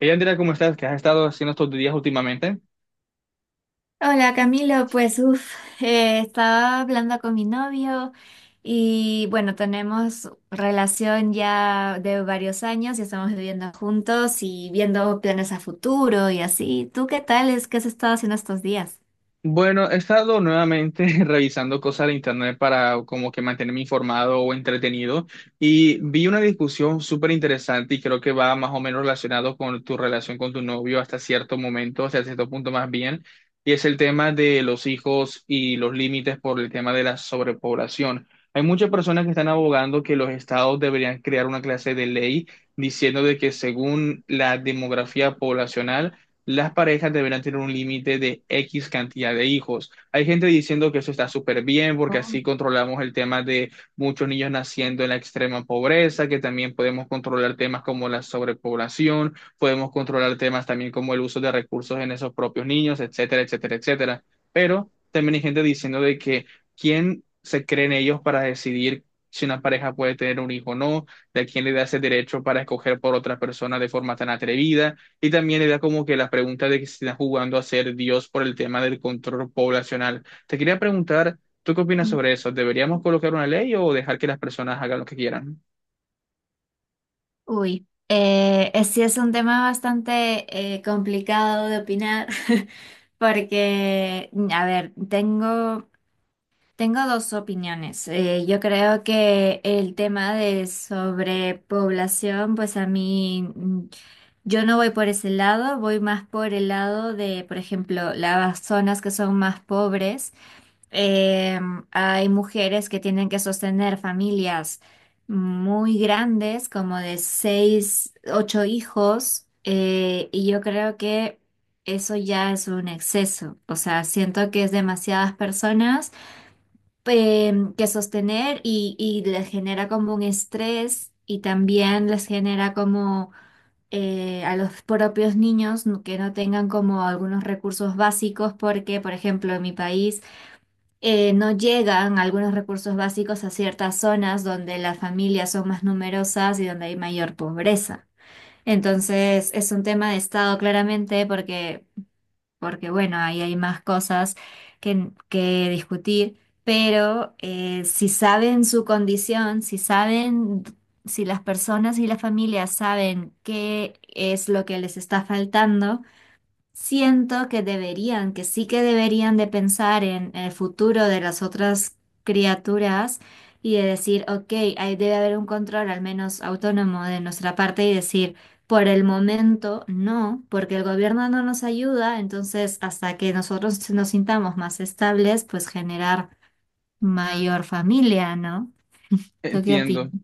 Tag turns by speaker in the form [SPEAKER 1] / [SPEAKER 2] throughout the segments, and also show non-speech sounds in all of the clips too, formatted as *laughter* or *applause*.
[SPEAKER 1] Ella dirá cómo estás, qué has estado haciendo estos días últimamente.
[SPEAKER 2] Hola Camilo, pues uff, estaba hablando con mi novio y bueno, tenemos relación ya de varios años y estamos viviendo juntos y viendo planes a futuro y así. ¿Tú qué tal? ¿Es que has estado haciendo estos días?
[SPEAKER 1] Bueno, he estado nuevamente *laughs* revisando cosas de internet para como que mantenerme informado o entretenido y vi una discusión súper interesante y creo que va más o menos relacionado con tu relación con tu novio hasta cierto momento, hasta cierto punto más bien, y es el tema de los hijos y los límites por el tema de la sobrepoblación. Hay muchas personas que están abogando que los estados deberían crear una clase de ley diciendo de que según la demografía poblacional las parejas deberán tener un límite de X cantidad de hijos. Hay gente diciendo que eso está súper bien porque
[SPEAKER 2] Oh.
[SPEAKER 1] así controlamos el tema de muchos niños naciendo en la extrema pobreza, que también podemos controlar temas como la sobrepoblación, podemos controlar temas también como el uso de recursos en esos propios niños, etcétera, etcétera, etcétera. Pero también hay gente diciendo de que quién se creen ellos para decidir si una pareja puede tener un hijo o no, de quién le da ese derecho para escoger por otra persona de forma tan atrevida y también era como que la pregunta de que se está jugando a ser Dios por el tema del control poblacional. Te quería preguntar, ¿tú qué opinas
[SPEAKER 2] Mm.
[SPEAKER 1] sobre eso? ¿Deberíamos colocar una ley o dejar que las personas hagan lo que quieran?
[SPEAKER 2] Uy, sí es un tema bastante complicado de opinar *laughs* porque, a ver, tengo dos opiniones. Yo creo que el tema de sobrepoblación, pues a mí, yo no voy por ese lado, voy más por el lado de, por ejemplo, las zonas que son más pobres. Eh, Hay mujeres que tienen que sostener familias muy grandes, como de seis, ocho hijos, y yo creo que eso ya es un exceso. O sea, siento que es demasiadas personas que sostener y les genera como un estrés y también les genera como a los propios niños que no tengan como algunos recursos básicos porque, por ejemplo, en mi país no llegan algunos recursos básicos a ciertas zonas donde las familias son más numerosas y donde hay mayor pobreza. Entonces, es un tema de Estado claramente porque bueno, ahí hay más cosas que discutir, pero si saben su condición, si las personas y las familias saben qué es lo que les está faltando, siento que que sí que deberían de pensar en el futuro de las otras criaturas y de decir, ok, ahí debe haber un control al menos autónomo de nuestra parte y decir, por el momento no, porque el gobierno no nos ayuda, entonces hasta que nosotros nos sintamos más estables, pues generar mayor familia, ¿no? ¿Tú qué
[SPEAKER 1] Entiendo.
[SPEAKER 2] opinas?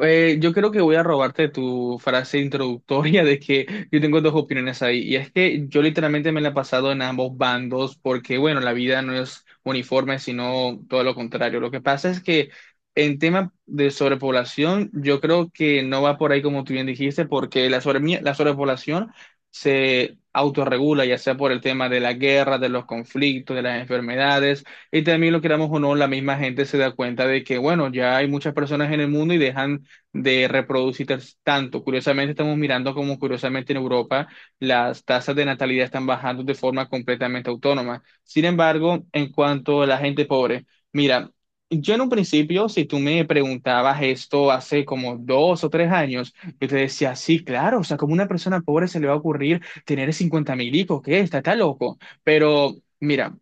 [SPEAKER 1] Yo creo que voy a robarte tu frase introductoria de que yo tengo dos opiniones ahí. Y es que yo literalmente me la he pasado en ambos bandos porque, bueno, la vida no es uniforme, sino todo lo contrario. Lo que pasa es que en tema de sobrepoblación, yo creo que no va por ahí como tú bien dijiste, porque la sobrepoblación se autorregula, ya sea por el tema de la guerra, de los conflictos, de las enfermedades. Y también lo queramos o no, la misma gente se da cuenta de que, bueno, ya hay muchas personas en el mundo y dejan de reproducir tanto. Curiosamente, estamos mirando como curiosamente en Europa las tasas de natalidad están bajando de forma completamente autónoma. Sin embargo, en cuanto a la gente pobre, mira, yo en un principio, si tú me preguntabas esto hace como dos o tres años, yo te decía, sí, claro, o sea, como una persona pobre se le va a ocurrir tener 50 mil hijos, ¿qué? Está loco. Pero mira.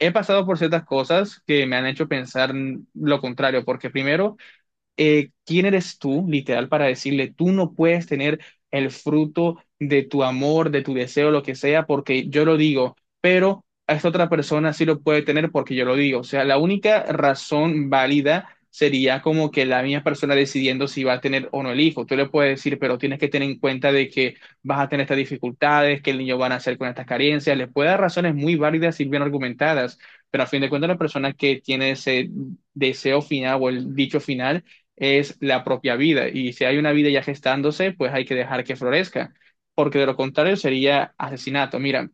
[SPEAKER 1] He pasado por ciertas cosas que me han hecho pensar lo contrario, porque primero, ¿quién eres tú, literal, para decirle, tú no puedes tener el fruto de tu amor, de tu deseo, lo que sea, porque yo lo digo, pero a esta otra persona sí lo puede tener porque yo lo digo? O sea, la única razón válida sería como que la misma persona decidiendo si va a tener o no el hijo. Tú le puedes decir, pero tienes que tener en cuenta de que vas a tener estas dificultades, que el niño va a nacer con estas carencias. Le puede dar razones muy válidas y bien argumentadas, pero a fin de cuentas la persona que tiene ese deseo final o el dicho final es la propia vida. Y si hay una vida ya gestándose, pues hay que dejar que florezca, porque de lo contrario sería asesinato. Mira,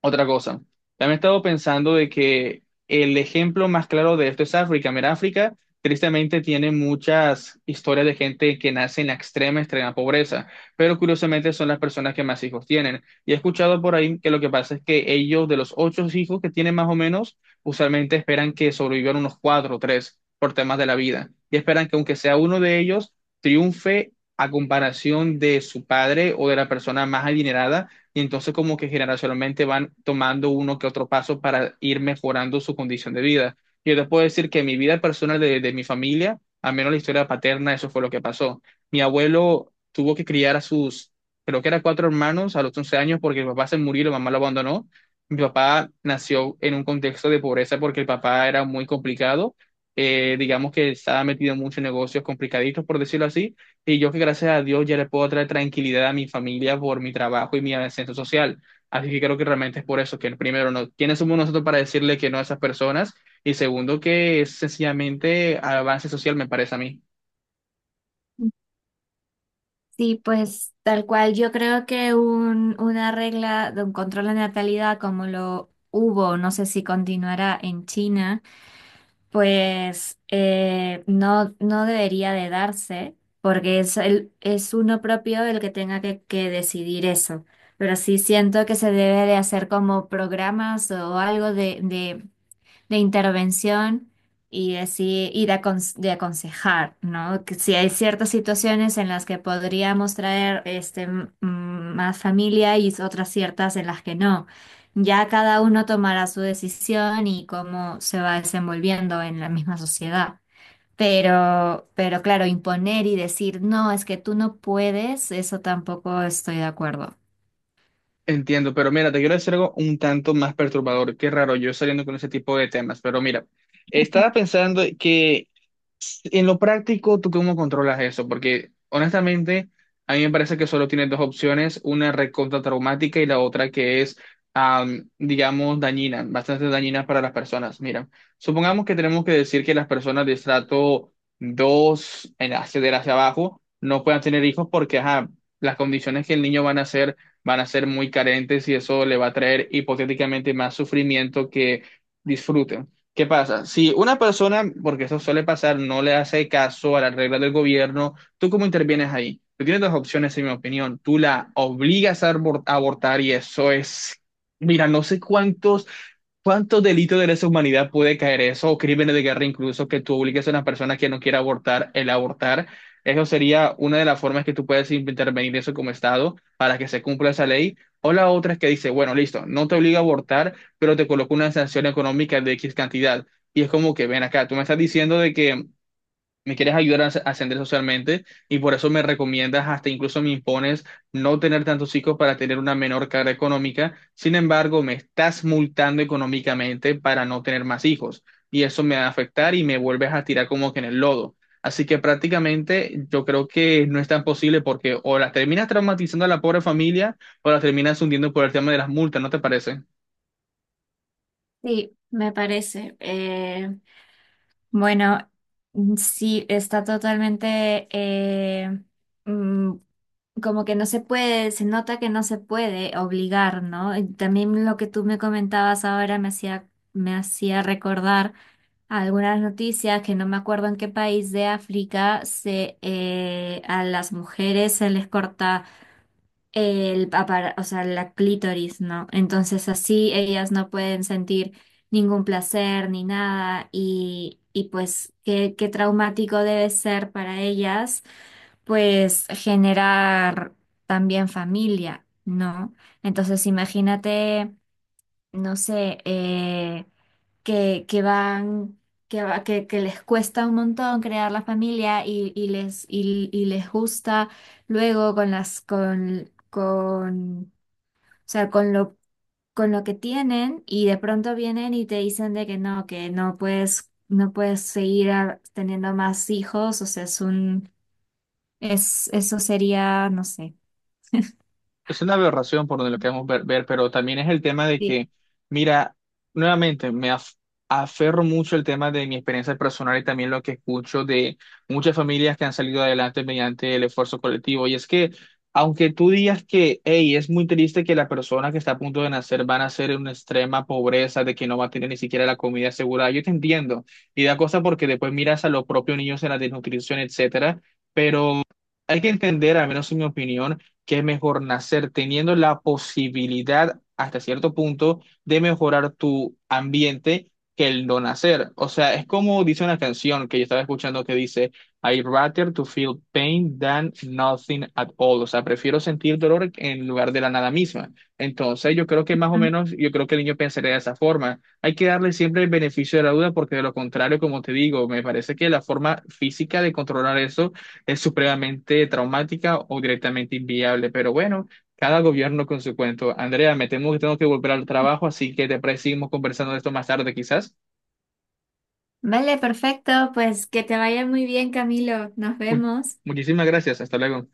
[SPEAKER 1] otra cosa, también he estado pensando de que el ejemplo más claro de esto es África. Mira, África tristemente tiene muchas historias de gente que nace en la extrema, extrema pobreza, pero curiosamente son las personas que más hijos tienen. Y he escuchado por ahí que lo que pasa es que ellos, de los ocho hijos que tienen más o menos, usualmente esperan que sobrevivan unos cuatro o tres por temas de la vida. Y esperan que aunque sea uno de ellos, triunfe a comparación de su padre o de la persona más adinerada y entonces como que generacionalmente van tomando uno que otro paso para ir mejorando su condición de vida. Yo te puedo decir que en mi vida personal de mi familia, al menos la historia paterna, eso fue lo que pasó. Mi abuelo tuvo que criar a sus, creo que eran cuatro hermanos a los 11 años porque el papá se murió y la mamá lo abandonó. Mi papá nació en un contexto de pobreza porque el papá era muy complicado. Digamos que estaba metido en muchos negocios complicaditos, por decirlo así. Y yo que gracias a Dios ya le puedo traer tranquilidad a mi familia por mi trabajo y mi ascenso social. Así que creo que realmente es por eso que primero, no, ¿quiénes somos nosotros para decirle que no a esas personas? Y segundo, que es sencillamente avance social, me parece a mí.
[SPEAKER 2] Sí, pues tal cual. Yo creo que una regla de un control de natalidad como lo hubo, no sé si continuará en China, pues no debería de darse, porque es uno propio el que tenga que decidir eso. Pero sí siento que se debe de hacer como programas o algo de intervención y decir, de aconsejar, ¿no? Que si hay ciertas situaciones en las que podríamos traer más familia y otras ciertas en las que no. Ya cada uno tomará su decisión y cómo se va desenvolviendo en la misma sociedad. Pero claro, imponer y decir, no, es que tú no puedes, eso tampoco estoy de acuerdo.
[SPEAKER 1] Entiendo, pero mira, te quiero decir algo un tanto más perturbador. Qué raro yo saliendo con ese tipo de temas, pero mira, estaba pensando que en lo práctico, ¿tú cómo controlas eso? Porque honestamente, a mí me parece que solo tienes dos opciones, una recontra traumática y la otra que es, digamos, dañina, bastante dañina para las personas. Mira, supongamos que tenemos que decir que las personas de estrato 2, en acceder hacia abajo no puedan tener hijos porque, ajá, las condiciones que el niño van a hacer van a ser muy carentes y eso le va a traer hipotéticamente más sufrimiento que disfrute. ¿Qué pasa? Si una persona, porque eso suele pasar, no le hace caso a las reglas del gobierno, ¿tú cómo intervienes ahí? Tú tienes dos opciones, en mi opinión. Tú la obligas a a abortar y eso es, mira, no sé cuántos delitos de lesa humanidad puede caer eso, o crímenes de guerra incluso, que tú obligues a una persona que no quiera abortar el abortar. Eso sería una de las formas que tú puedes intervenir eso como Estado para que se cumpla esa ley. O la otra es que dice, bueno, listo, no te obliga a abortar pero te colocó una sanción económica de X cantidad. Y es como que, ven acá, tú me estás diciendo de que me quieres ayudar a ascender socialmente y por eso me recomiendas, hasta incluso me impones no tener tantos hijos para tener una menor carga económica. Sin embargo, me estás multando económicamente para no tener más hijos. Y eso me va a afectar y me vuelves a tirar como que en el lodo. Así que prácticamente yo creo que no es tan posible porque o la terminas traumatizando a la pobre familia o la terminas hundiendo por el tema de las multas, ¿no te parece?
[SPEAKER 2] Sí, me parece. Bueno, sí, está totalmente mm, como que no se puede, se nota que no se puede obligar, ¿no? Y también lo que tú me comentabas ahora me hacía recordar algunas noticias que no me acuerdo en qué país de África se a las mujeres se les corta o sea, la clítoris, ¿no? Entonces así ellas no pueden sentir ningún placer ni nada y pues qué traumático debe ser para ellas, pues generar también familia, ¿no? Entonces imagínate, no sé, que van, que, va- que les cuesta un montón crear la familia y les gusta luego con las, con, o sea, con lo que tienen y de pronto vienen y te dicen de que no puedes, no puedes teniendo más hijos, o sea, eso sería, no sé.
[SPEAKER 1] Es una aberración por donde lo queremos ver, ver, pero también es el tema de
[SPEAKER 2] Sí.
[SPEAKER 1] que, mira, nuevamente aferro mucho el tema de mi experiencia personal y también lo que escucho de muchas familias que han salido adelante mediante el esfuerzo colectivo. Y es que, aunque tú digas que, hey, es muy triste que la persona que está a punto de nacer va a nacer en una extrema pobreza, de que no va a tener ni siquiera la comida asegurada, yo te entiendo. Y da cosa porque después miras a los propios niños en la desnutrición, etcétera, pero hay que entender, al menos en mi opinión, que es mejor nacer teniendo la posibilidad hasta cierto punto de mejorar tu ambiente que el no nacer. O sea, es como dice una canción que yo estaba escuchando que dice, I rather to feel pain than nothing at all. O sea, prefiero sentir dolor en lugar de la nada misma. Entonces, yo creo que más o
[SPEAKER 2] Ujú.
[SPEAKER 1] menos, yo creo que el niño pensaría de esa forma. Hay que darle siempre el beneficio de la duda porque de lo contrario, como te digo, me parece que la forma física de controlar eso es supremamente traumática o directamente inviable. Pero bueno, cada gobierno con su cuento. Andrea, me temo que tengo que volver al trabajo, así que te parece seguimos conversando de esto más tarde, quizás.
[SPEAKER 2] Vale, perfecto, pues que te vaya muy bien, Camilo. Nos
[SPEAKER 1] Mu-
[SPEAKER 2] vemos.
[SPEAKER 1] Muchísimas gracias. Hasta luego.